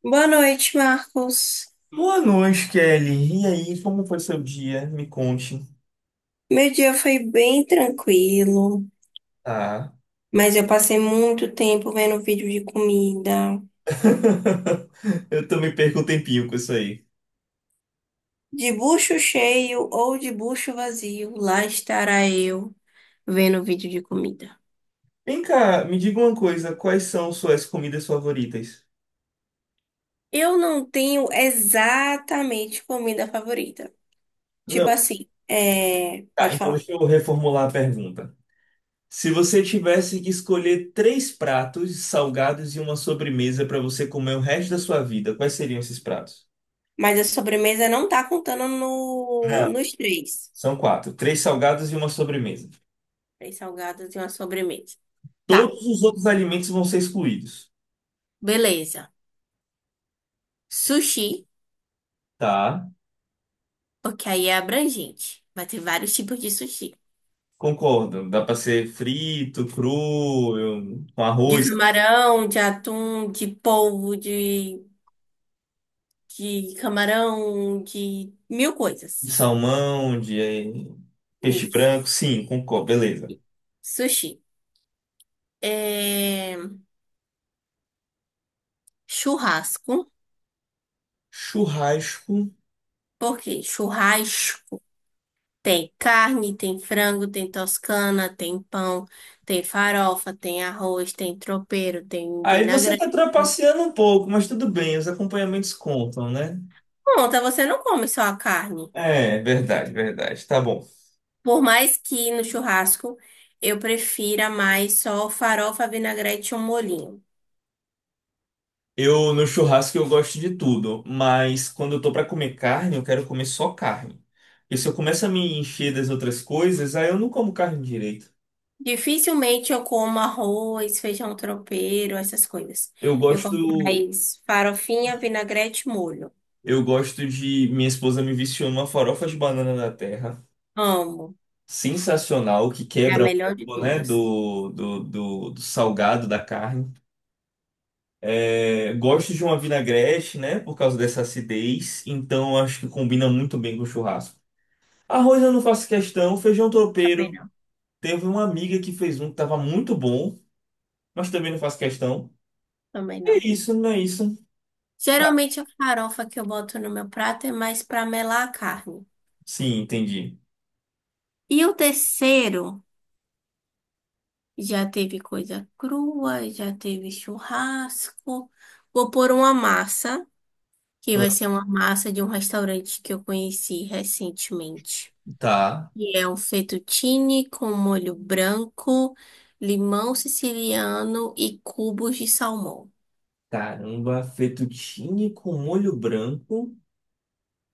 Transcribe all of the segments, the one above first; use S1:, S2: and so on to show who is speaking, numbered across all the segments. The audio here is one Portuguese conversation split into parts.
S1: Boa noite, Marcos.
S2: Boa noite, Kelly. E aí, como foi seu dia? Me conte.
S1: Meu dia foi bem tranquilo,
S2: Ah,
S1: mas eu passei muito tempo vendo vídeo de comida.
S2: eu também perco um tempinho com isso aí.
S1: De bucho cheio ou de bucho vazio, lá estará eu vendo vídeo de comida.
S2: Vem cá, me diga uma coisa, quais são suas comidas favoritas?
S1: Eu não tenho exatamente comida favorita. Tipo
S2: Não,
S1: assim,
S2: tá,
S1: pode
S2: então
S1: falar.
S2: deixa eu reformular a pergunta. Se você tivesse que escolher três pratos salgados e uma sobremesa para você comer o resto da sua vida, quais seriam esses pratos?
S1: Mas a sobremesa não tá contando no...
S2: Não,
S1: nos três.
S2: são quatro. Três salgados e uma sobremesa.
S1: Três salgados e uma sobremesa. Tá,
S2: Todos os outros alimentos vão ser excluídos,
S1: beleza. Sushi.
S2: tá?
S1: O que aí é abrangente. Vai ter vários tipos de sushi.
S2: Concordo, dá para ser frito, cru, com
S1: De
S2: arroz,
S1: camarão, de atum, de polvo, de camarão, de mil
S2: de
S1: coisas.
S2: salmão, de peixe
S1: Isso.
S2: branco, sim, concordo, beleza.
S1: Sushi. É... Churrasco.
S2: Churrasco.
S1: Por quê? Churrasco. Tem carne, tem frango, tem toscana, tem pão, tem farofa, tem arroz, tem tropeiro, tem
S2: Aí você
S1: vinagrete.
S2: tá trapaceando um pouco, mas tudo bem, os acompanhamentos contam, né?
S1: Conta, você não come só a carne.
S2: É, verdade, verdade, tá bom.
S1: Por mais que no churrasco eu prefira mais só farofa, vinagrete ou molhinho.
S2: Eu no churrasco eu gosto de tudo, mas quando eu tô para comer carne, eu quero comer só carne. E se eu começo a me encher das outras coisas, aí eu não como carne direito.
S1: Dificilmente eu como arroz, feijão tropeiro, essas coisas.
S2: Eu
S1: Eu como
S2: gosto.
S1: mais farofinha, vinagrete e molho.
S2: Eu gosto de. Minha esposa me viciou numa farofa de banana da terra.
S1: Amo.
S2: Sensacional, que
S1: É a
S2: quebra um
S1: melhor de
S2: pouco, né?
S1: todas.
S2: Do salgado da carne. É, gosto de uma vinagrete, né? Por causa dessa acidez. Então acho que combina muito bem com o churrasco. Arroz eu não faço questão. Feijão
S1: Também
S2: tropeiro.
S1: não.
S2: Teve uma amiga que fez um que tava muito bom, mas também não faço questão.
S1: Também
S2: É
S1: não.
S2: isso, não é isso. Tá.
S1: Geralmente a farofa que eu boto no meu prato é mais para melar a carne.
S2: Sim, entendi.
S1: E o terceiro já teve coisa crua, já teve churrasco. Vou pôr uma massa, que vai ser uma massa de um restaurante que eu conheci recentemente.
S2: Tá.
S1: E é um fettuccine com molho branco, limão siciliano e cubos de salmão.
S2: Caramba, fettuccine com molho branco.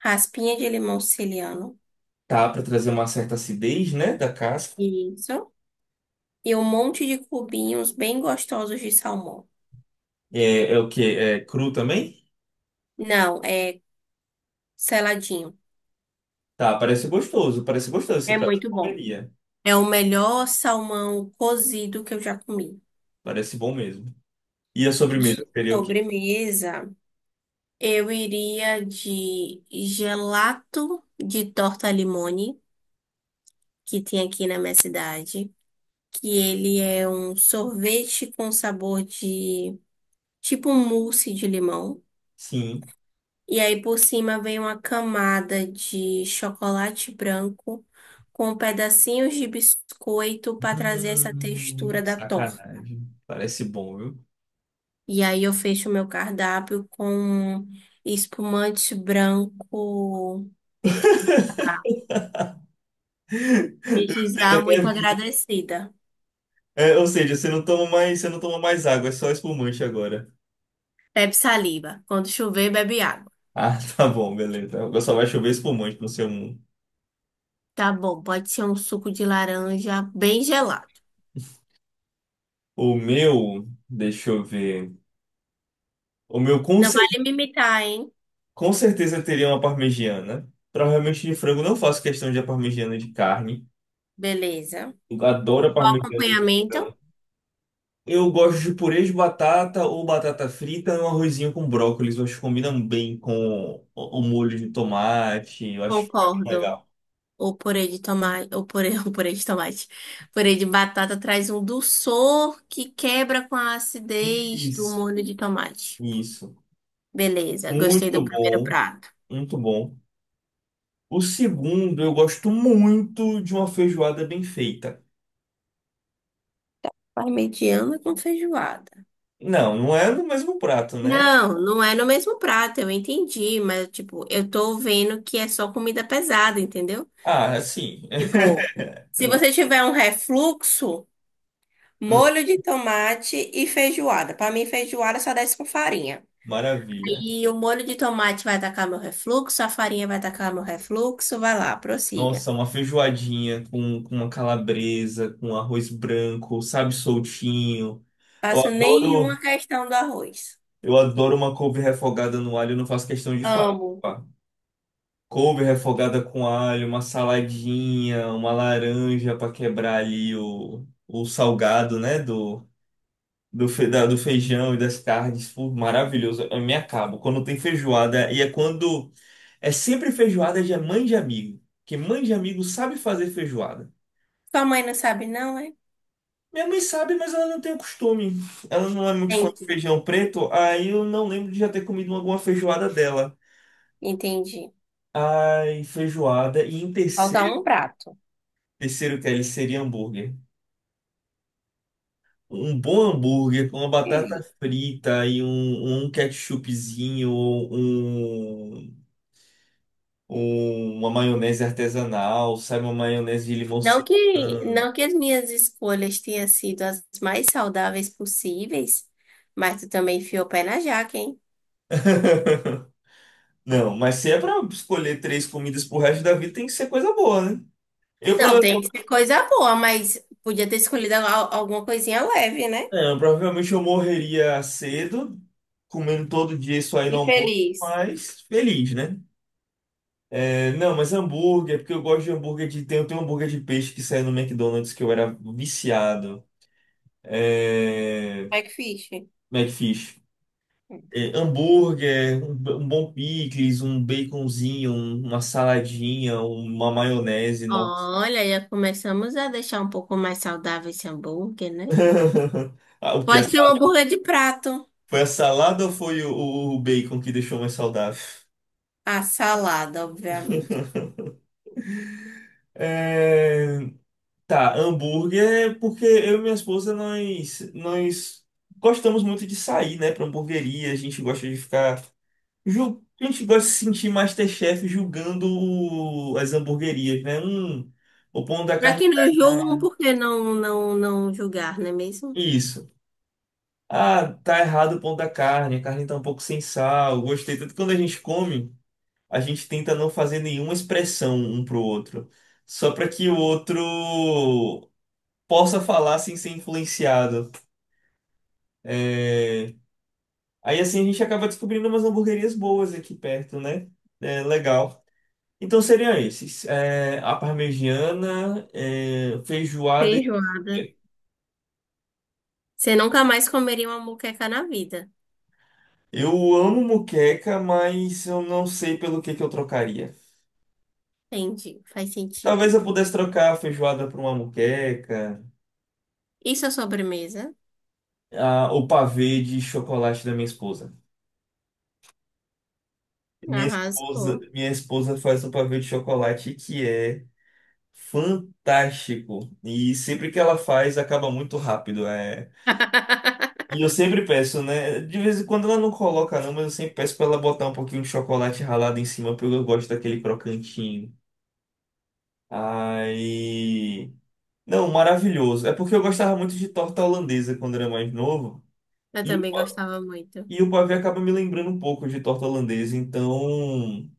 S1: Raspinha de limão siciliano.
S2: Tá, para trazer uma certa acidez, né, da casca.
S1: Isso. E um monte de cubinhos bem gostosos de salmão.
S2: É, é o que É cru também?
S1: Não, é seladinho.
S2: Tá, parece gostoso. Parece gostoso esse
S1: É
S2: prato. Eu
S1: muito bom.
S2: comeria.
S1: É o melhor salmão cozido que eu já comi.
S2: Parece bom mesmo. E a
S1: De
S2: sobremesa seria o quê?
S1: sobremesa. Eu iria de gelato de torta limone, que tem aqui na minha cidade, que ele é um sorvete com sabor de tipo um mousse de limão.
S2: Sim.
S1: E aí por cima vem uma camada de chocolate branco com pedacinhos de biscoito para trazer essa textura da torta.
S2: Sacanagem. Parece bom, viu?
S1: E aí eu fecho o meu cardápio com espumante branco. Desde
S2: Teve
S1: já,
S2: até
S1: muito
S2: vinho.
S1: agradecida.
S2: É, ou seja, você não toma mais água, é só espumante agora.
S1: Bebe saliva. Quando chover, bebe água.
S2: Ah, tá bom, beleza. Agora só vai chover espumante no seu mundo.
S1: Tá bom, pode ser um suco de laranja bem gelado.
S2: O meu, deixa eu ver. O meu com.
S1: Não vale me imitar, hein?
S2: Com certeza teria uma parmegiana. Provavelmente de frango, não faço questão de a parmegiana de carne.
S1: Beleza.
S2: Eu adoro a
S1: O
S2: parmegiana de
S1: acompanhamento?
S2: frango. Eu gosto de purê de batata ou batata frita e um arrozinho com brócolis. Eu acho que combina bem com o molho de tomate. Eu acho que fica bem
S1: Concordo.
S2: legal.
S1: O purê de tomate, o purê de tomate. Purê de batata traz um dulçor que quebra com a acidez do
S2: Isso,
S1: molho de tomate.
S2: isso.
S1: Beleza, gostei do
S2: Muito
S1: primeiro
S2: bom,
S1: prato.
S2: muito bom. O segundo, eu gosto muito de uma feijoada bem feita.
S1: Parmegiana com feijoada.
S2: Não, não é no mesmo prato, né?
S1: Não, não é no mesmo prato, eu entendi, mas tipo, eu tô vendo que é só comida pesada, entendeu?
S2: Ah, assim,
S1: Tipo, se você tiver um refluxo, molho de tomate e feijoada. Pra mim, feijoada só desce com farinha.
S2: maravilha.
S1: E o molho de tomate vai atacar meu refluxo, a farinha vai atacar meu refluxo, vai lá, prossiga.
S2: Nossa, uma feijoadinha com uma calabresa, com arroz branco, sabe, soltinho. Eu
S1: Faço
S2: adoro,
S1: nenhuma questão do arroz.
S2: eu adoro uma couve refogada no alho, eu não faço questão de falar.
S1: Amo.
S2: Couve refogada com alho, uma saladinha, uma laranja para quebrar ali o salgado, né, do feijão e das carnes. Pô, maravilhoso, eu me acabo. Quando tem feijoada, e é quando... É sempre feijoada de mãe de amigo, porque mãe de amigo sabe fazer feijoada.
S1: Sua mãe não sabe, não, é?
S2: Minha mãe sabe, mas ela não tem o costume. Ela não é muito fã de
S1: Entendi.
S2: feijão preto, aí eu não lembro de já ter comido alguma feijoada dela.
S1: Entendi.
S2: Ai, feijoada. E em
S1: Falta
S2: terceiro,
S1: um prato.
S2: terceiro que é ele seria hambúrguer. Um bom hambúrguer com uma batata frita e um ketchupzinho, uma maionese artesanal, sabe, uma maionese de limão
S1: Não que,
S2: serrano.
S1: não que as minhas escolhas tenham sido as mais saudáveis possíveis, mas tu também enfiou o pé na jaca, hein?
S2: Não, mas se é pra escolher três comidas pro resto da vida, tem que ser coisa boa, né? Eu
S1: Não, tem que ser coisa boa, mas podia ter escolhido alguma coisinha leve, né?
S2: É, provavelmente eu morreria cedo, comendo todo dia isso aí no
S1: E
S2: almoço,
S1: feliz.
S2: mas feliz, né? É, não, mas hambúrguer, porque eu gosto de hambúrguer de. Tem um hambúrguer de peixe que saiu no McDonald's que eu era viciado. É,
S1: Backfish.
S2: McFish. É, hambúrguer, um bom picles, um baconzinho, uma saladinha, uma maionese, nossa.
S1: Olha, já começamos a deixar um pouco mais saudável esse hambúrguer, né?
S2: Ah, o que?
S1: Pode ser um hambúrguer de prato.
S2: Foi a salada ou foi o, o bacon que deixou mais saudável?
S1: A salada, obviamente.
S2: É. Tá, hambúrguer, é porque eu e minha esposa, nós gostamos muito de sair, né, pra hamburgueria, a gente gosta de ficar, a gente gosta de se sentir MasterChef julgando as hamburguerias, né, o pão da
S1: Pra
S2: carne
S1: quem
S2: tá
S1: não julgam,
S2: errado,
S1: por que não julgar, não é mesmo?
S2: isso, ah, tá errado o pão da carne, a carne tá um pouco sem sal, gostei, tanto que quando a gente come, a gente tenta não fazer nenhuma expressão um pro outro, só pra que o outro possa falar sem ser influenciado, é... Aí assim a gente acaba descobrindo umas hamburguerias boas aqui perto, né? É legal. Então seriam esses: é, a parmegiana, é, feijoada e
S1: Feijoada.
S2: hamburgueria.
S1: Você nunca mais comeria uma moqueca na vida.
S2: Eu amo muqueca, mas eu não sei pelo que eu trocaria.
S1: Entendi, faz sentido.
S2: Talvez eu pudesse trocar a feijoada por uma muqueca,
S1: Isso é sobremesa?
S2: o pavê de chocolate da minha esposa. Minha esposa,
S1: Arrasou.
S2: minha esposa faz um pavê de chocolate que é fantástico. E sempre que ela faz, acaba muito rápido. É. E eu sempre peço, né? De vez em quando ela não coloca, não, mas eu sempre peço pra ela botar um pouquinho de chocolate ralado em cima, porque eu gosto daquele crocantinho. Aí não, maravilhoso. É porque eu gostava muito de torta holandesa quando era mais novo.
S1: Eu
S2: E, o
S1: também
S2: pa-
S1: gostava muito.
S2: e o pavê acaba me lembrando um pouco de torta holandesa. Então.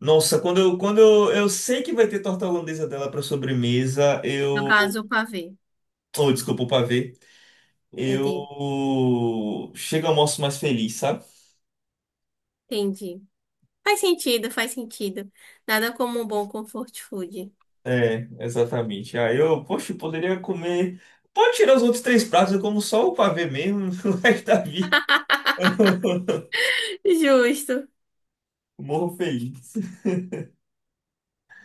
S2: Nossa, quando eu sei que vai ter torta holandesa dela pra sobremesa,
S1: No
S2: eu.
S1: caso, o pavê.
S2: Oh, desculpa, o pavê.
S1: Enten-
S2: Eu chego ao almoço mais feliz, sabe?
S1: Entendi. Faz sentido, faz sentido. Nada como um bom comfort food.
S2: É, exatamente. Aí eu, poxa, eu poderia comer. Pode tirar os outros três pratos, eu como só o pavê mesmo, o resto da vida.
S1: Justo,
S2: Morro feliz.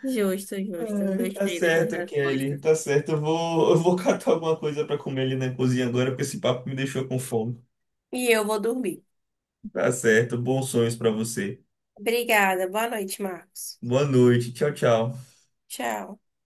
S1: justo, justo.
S2: Ai, tá
S1: Gostei dessas
S2: certo, Kelly,
S1: respostas.
S2: tá certo. Eu vou catar alguma coisa pra comer ali na cozinha agora, porque esse papo me deixou com fome.
S1: E eu vou dormir.
S2: Tá certo, bons sonhos pra você.
S1: Obrigada. Boa noite, Marcos.
S2: Boa noite, tchau, tchau.
S1: Tchau.